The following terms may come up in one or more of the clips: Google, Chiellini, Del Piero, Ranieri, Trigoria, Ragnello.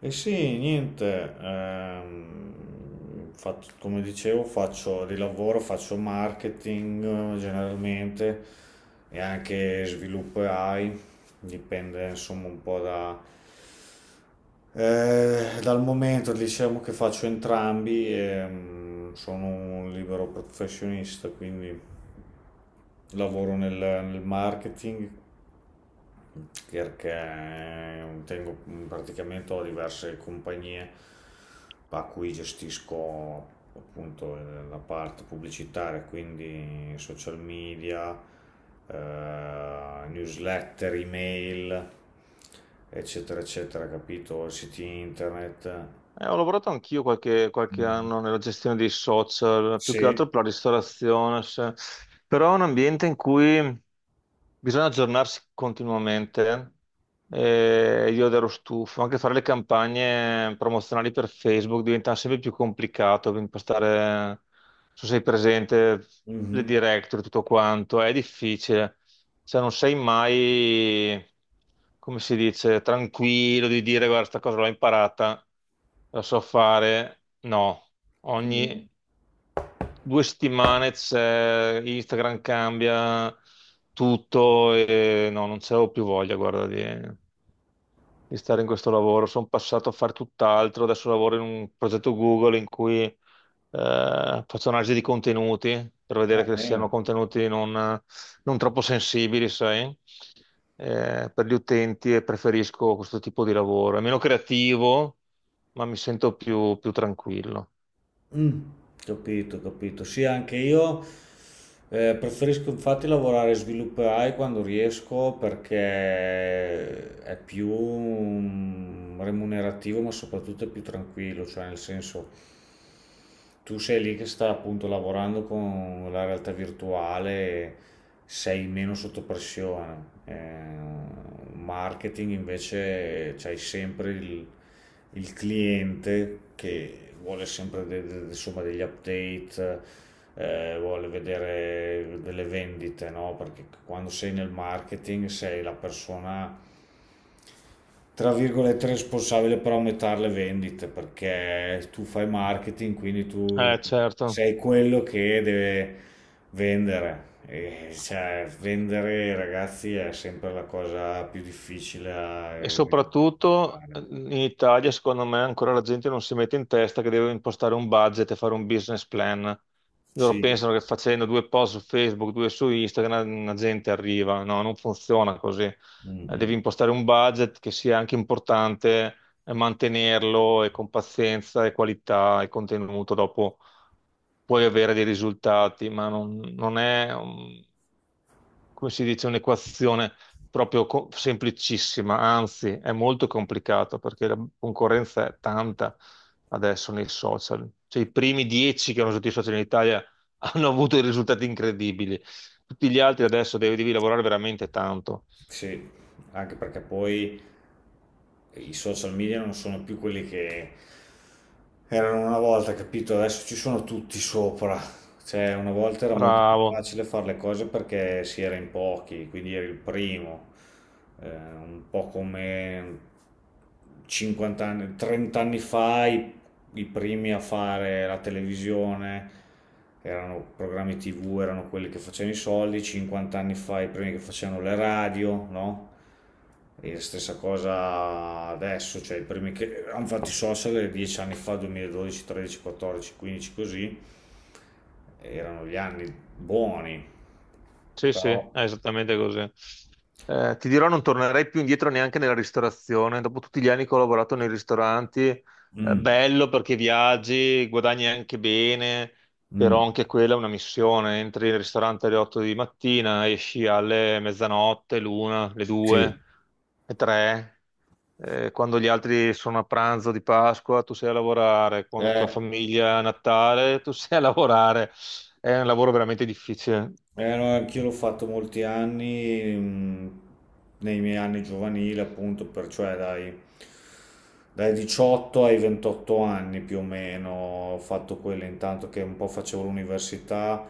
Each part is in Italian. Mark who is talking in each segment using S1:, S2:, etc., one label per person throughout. S1: E sì, niente, come dicevo, faccio di lavoro, faccio marketing generalmente e anche sviluppo AI, dipende insomma un po' da, dal momento, diciamo che faccio entrambi e sono un libero professionista, quindi lavoro nel marketing perché tengo, praticamente ho diverse compagnie a cui gestisco appunto la parte pubblicitaria, quindi social media, newsletter, email, eccetera, eccetera, capito? Siti internet.
S2: Ho lavorato anch'io qualche
S1: Mm.
S2: anno nella gestione dei social, più che
S1: Sì.
S2: altro per la ristorazione, però è un ambiente in cui bisogna aggiornarsi continuamente. Io ero stufo, anche fare le campagne promozionali per Facebook diventa sempre più complicato per impostare, non so se sei presente, le
S1: Mhm.
S2: directory, tutto quanto, è difficile. Cioè non sei mai, come si dice, tranquillo di dire guarda, sta cosa l'ho imparata, la so fare. No, ogni
S1: Mm.
S2: 2 settimane c'è, Instagram cambia tutto e no, non c'avevo più voglia, guarda, di stare in questo lavoro. Sono passato a fare tutt'altro, adesso lavoro in un progetto Google in cui faccio analisi di contenuti per
S1: Va
S2: vedere che siano
S1: bene.
S2: contenuti non troppo sensibili, sai? Per gli utenti, e preferisco questo tipo di lavoro. È meno creativo, ma mi sento più tranquillo.
S1: Mm, capito, capito. Sì, anche io preferisco infatti lavorare svilupperai quando riesco perché è più remunerativo, ma soprattutto è più tranquillo, cioè nel senso tu sei lì che sta appunto lavorando con la realtà virtuale, e sei meno sotto pressione. Marketing invece c'hai sempre il cliente che vuole sempre insomma, degli update, vuole vedere delle vendite, no? Perché quando sei nel marketing sei la persona, tra virgolette, responsabile per aumentare le vendite, perché tu fai marketing, quindi tu
S2: Certo.
S1: sei quello che deve vendere. E, cioè, vendere, ragazzi, è sempre la cosa più difficile.
S2: E soprattutto
S1: Da-
S2: in Italia, secondo me, ancora la gente non si mette in testa che deve impostare un budget e fare un business plan. Loro
S1: Sì.
S2: pensano che facendo due post su Facebook, due su Instagram, la gente arriva. No, non funziona così.
S1: Mm,
S2: Devi
S1: mm.
S2: impostare un budget che sia anche importante e mantenerlo, e con pazienza e qualità e contenuto. Dopo puoi avere dei risultati, ma non è, come si dice, un'equazione proprio semplicissima, anzi è molto complicato perché la concorrenza è tanta adesso nei social. Cioè, i primi 10 che hanno usato i social in Italia hanno avuto dei risultati incredibili. Tutti gli altri adesso devi lavorare veramente tanto.
S1: Sì, anche perché poi i social media non sono più quelli che erano una volta, capito? Adesso ci sono tutti sopra. Cioè, una volta era molto più
S2: Bravo.
S1: facile fare le cose perché si era in pochi, quindi eri il primo. Un po' come 50 anni, 30 anni fa i primi a fare la televisione erano programmi TV, erano quelli che facevano i soldi, 50 anni fa i primi che facevano le radio, no? E la stessa cosa adesso, cioè i primi che hanno fatto i social 10 anni fa, 2012, 13, 14, 15 così, erano gli anni buoni,
S2: Sì, sì, è
S1: però.
S2: esattamente così. Ti dirò, non tornerei più indietro neanche nella ristorazione. Dopo tutti gli anni che ho lavorato nei ristoranti,
S1: Mm,
S2: bello perché viaggi, guadagni anche bene,
S1: mm,
S2: però anche quella è una missione. Entri in ristorante alle 8 di mattina, esci alle mezzanotte, l'una, le
S1: sì.
S2: due, le tre. Quando gli altri sono a pranzo di Pasqua, tu sei a lavorare. Quando tua
S1: Eh,
S2: famiglia è a Natale, tu sei a lavorare. È un lavoro veramente difficile.
S1: No, anch'io l'ho fatto molti anni, nei miei anni giovanili, appunto, per, cioè dai, dai 18 ai 28 anni più o meno, ho fatto quello intanto che un po' facevo l'università,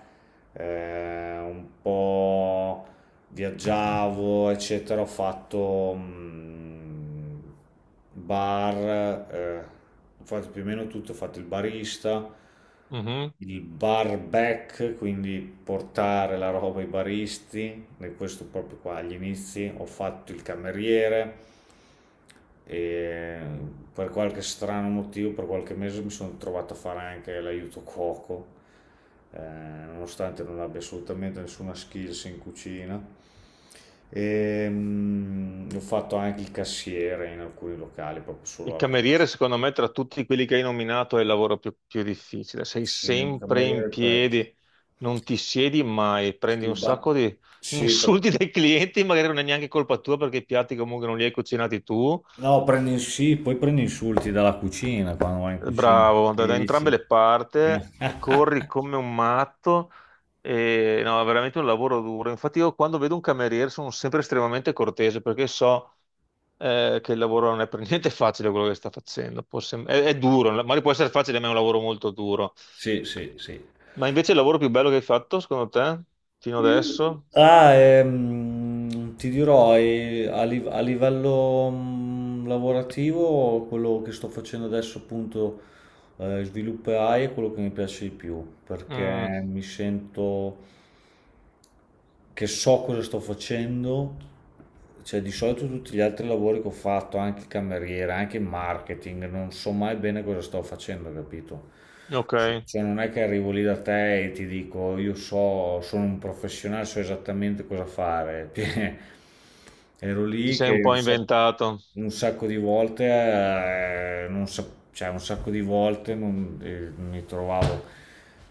S1: un po' viaggiavo, eccetera, ho fatto bar, eh, ho fatto più o meno tutto, ho fatto il barista,
S2: Mhm.
S1: il bar back, quindi portare la roba ai baristi, e questo proprio qua agli inizi, ho fatto il cameriere e per qualche strano motivo, per qualche mese mi sono trovato a fare anche l'aiuto cuoco, nonostante non abbia assolutamente nessuna skills in cucina. E, ho fatto anche il cassiere in alcuni locali, proprio
S2: Il
S1: solo alla casa.
S2: cameriere, secondo me, tra tutti quelli che hai nominato, è il lavoro più difficile. Sei
S1: Sì, il
S2: sempre
S1: cameriere e
S2: in
S1: il pezzo.
S2: piedi, non ti siedi mai, prendi un
S1: Il ba-
S2: sacco di
S1: Sì,
S2: insulti dai clienti, magari non è neanche colpa tua perché i piatti comunque non li hai cucinati tu.
S1: no, prendi, sì, poi prendi insulti dalla cucina quando vai in cucina,
S2: Bravo,
S1: che
S2: da,
S1: gli
S2: da entrambe
S1: dici?
S2: le parti,
S1: Eh.
S2: e corri come un matto, e no, è veramente un lavoro duro. Infatti io quando vedo un cameriere sono sempre estremamente cortese perché so che il lavoro non è per niente facile quello che sta facendo. È duro, magari può essere facile, ma è un lavoro molto duro.
S1: Sì, sì, sì.
S2: Ma invece il lavoro più bello che hai fatto, secondo te, fino adesso?
S1: Ah, ti dirò, a livello lavorativo, quello che sto facendo adesso appunto, sviluppo AI è quello che mi piace di più,
S2: Mm,
S1: perché mi sento che so cosa sto facendo. Cioè, di solito tutti gli altri lavori che ho fatto, anche il cameriere, anche il marketing, non so mai bene cosa sto facendo, capito?
S2: ok,
S1: Sì, cioè non è che arrivo lì da te e ti dico io so, sono un professionale, so esattamente cosa fare. Cioè, ero
S2: ti
S1: lì
S2: sei
S1: che
S2: un po' inventato.
S1: un sacco, di volte, non sap- cioè un sacco di volte mi trovavo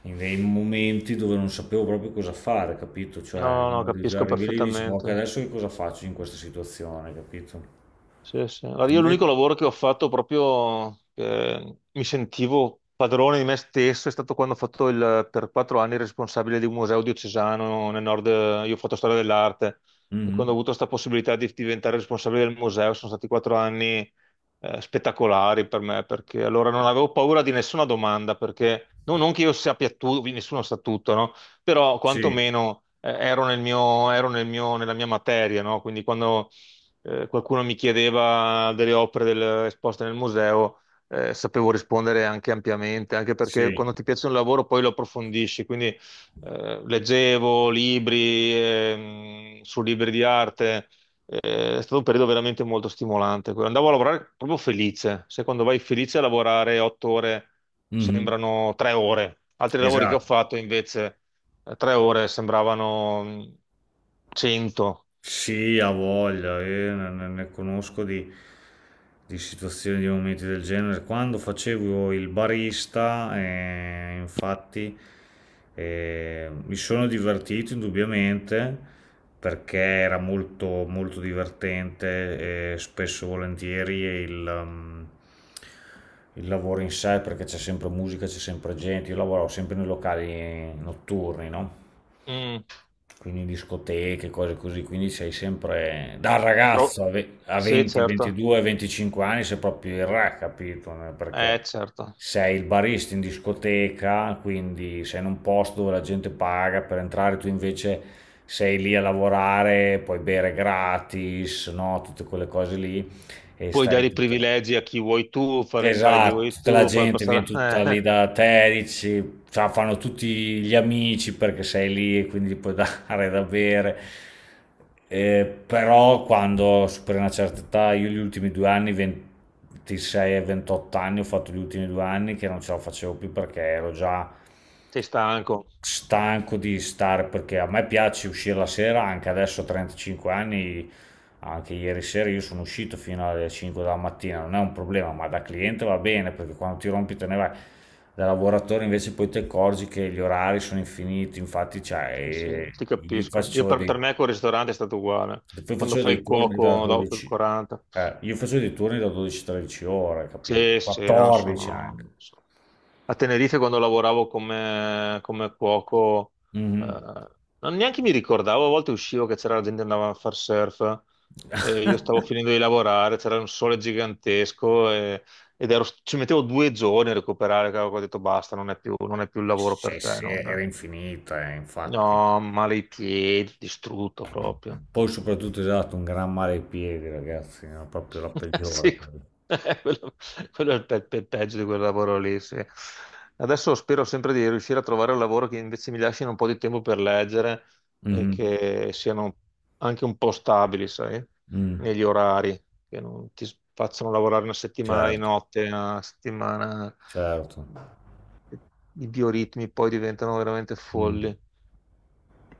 S1: in dei momenti dove non sapevo proprio cosa fare, capito? Cioè
S2: No, no, capisco
S1: arrivi lì e dici, ma ok,
S2: perfettamente.
S1: adesso che cosa faccio in questa situazione, capito?
S2: Sì, sì. Allora, io l'unico
S1: Invece.
S2: lavoro che ho fatto proprio che mi sentivo padrone di me stesso è stato quando ho fatto il, per 4 anni, il responsabile di un museo diocesano nel nord. Io ho fatto storia dell'arte, e quando
S1: Mhm.
S2: ho avuto questa possibilità di diventare responsabile del museo sono stati 4 anni spettacolari per me, perché allora non avevo paura di nessuna domanda, perché no- non che io sappia tutto, nessuno sa tutto, no? Però
S1: Sì,
S2: quantomeno ero nel mio, nella mia materia, no? Quindi quando qualcuno mi chiedeva delle opere esposte nel museo, sapevo rispondere anche ampiamente, anche perché
S1: sì.
S2: quando ti piace un lavoro poi lo approfondisci, quindi leggevo libri, su libri di arte, è stato un periodo veramente molto stimolante, quello. Andavo a lavorare proprio felice; se quando vai felice a lavorare 8 ore
S1: Mhm.
S2: sembrano 3 ore, altri lavori che ho
S1: Esatto.
S2: fatto invece 3 ore sembravano 100.
S1: Sì, ha voglia, ne conosco di situazioni, di momenti del genere. Quando facevo il barista, infatti, mi sono divertito indubbiamente perché era molto, molto divertente e spesso e volentieri il lavoro in sé, perché c'è sempre musica, c'è sempre gente. Io lavoravo sempre nei locali notturni, no?
S2: Mm.
S1: Quindi discoteche, cose così, quindi sei sempre da
S2: Tro-
S1: ragazzo a
S2: Sì,
S1: 20,
S2: certo,
S1: 22, 25 anni, sei proprio il re, capito? No? Perché
S2: certo.
S1: sei il barista in discoteca, quindi sei in un posto dove la gente paga per entrare, tu invece sei lì a lavorare, puoi bere gratis, no? Tutte quelle cose lì e
S2: Puoi
S1: stai
S2: dare
S1: lì
S2: i
S1: tutto.
S2: privilegi a chi vuoi tu, far entrare chi
S1: Esatto,
S2: vuoi
S1: tutta la
S2: tu, far
S1: gente viene
S2: passare.
S1: tutta lì da te, dici, cioè, fanno tutti gli amici perché sei lì e quindi gli puoi dare da bere. Però quando superi una certa età, io gli ultimi 2 anni, 26 e 28 anni, ho fatto gli ultimi 2 anni che non ce la facevo più perché ero già
S2: Sei stanco.
S1: stanco di stare perché a me piace uscire la sera, anche adesso a 35 anni, anche ieri sera io sono uscito fino alle 5 della mattina, non è un problema, ma da cliente va bene perché quando ti rompi te ne vai. Da lavoratore invece poi ti accorgi che gli orari sono infiniti, infatti cioè,
S2: Sì, sì, ti
S1: io
S2: capisco. Io
S1: faccio
S2: per,
S1: dei,
S2: per me col ristorante è stato uguale.
S1: poi
S2: Quando
S1: facevo
S2: fai
S1: dei
S2: il
S1: turni da
S2: cuoco dopo il
S1: 12,
S2: 40.
S1: io facevo dei turni da 12-13 ore, capito?
S2: Sì, sì, no,
S1: 14 anche.
S2: sono... sono- A Tenerife quando lavoravo come cuoco, eh,
S1: Mhm.
S2: non neanche mi ricordavo, a volte uscivo che c'era gente che andava a far surf. E io stavo finendo di lavorare, c'era un sole gigantesco ci mettevo 2 giorni a recuperare. Cavolo, ho detto basta, non è più il lavoro
S1: Cioè,
S2: per te,
S1: sì,
S2: non-
S1: era infinita, infatti.
S2: no, male i piedi, distrutto proprio.
S1: Poi soprattutto esatto, un gran male ai piedi, ragazzi, è proprio la peggiore,
S2: Sì,
S1: quella.
S2: quello, quello, è il peggio di quel lavoro lì, sì. Adesso spero sempre di riuscire a trovare un lavoro che invece mi lasciano un po' di tempo per leggere e
S1: Mhm.
S2: che siano anche un po' stabili, sai,
S1: Mm.
S2: negli orari, che non ti facciano lavorare una settimana di
S1: Certo,
S2: notte, una settimana.
S1: certo.
S2: I bioritmi poi diventano veramente
S1: Mm.
S2: folli.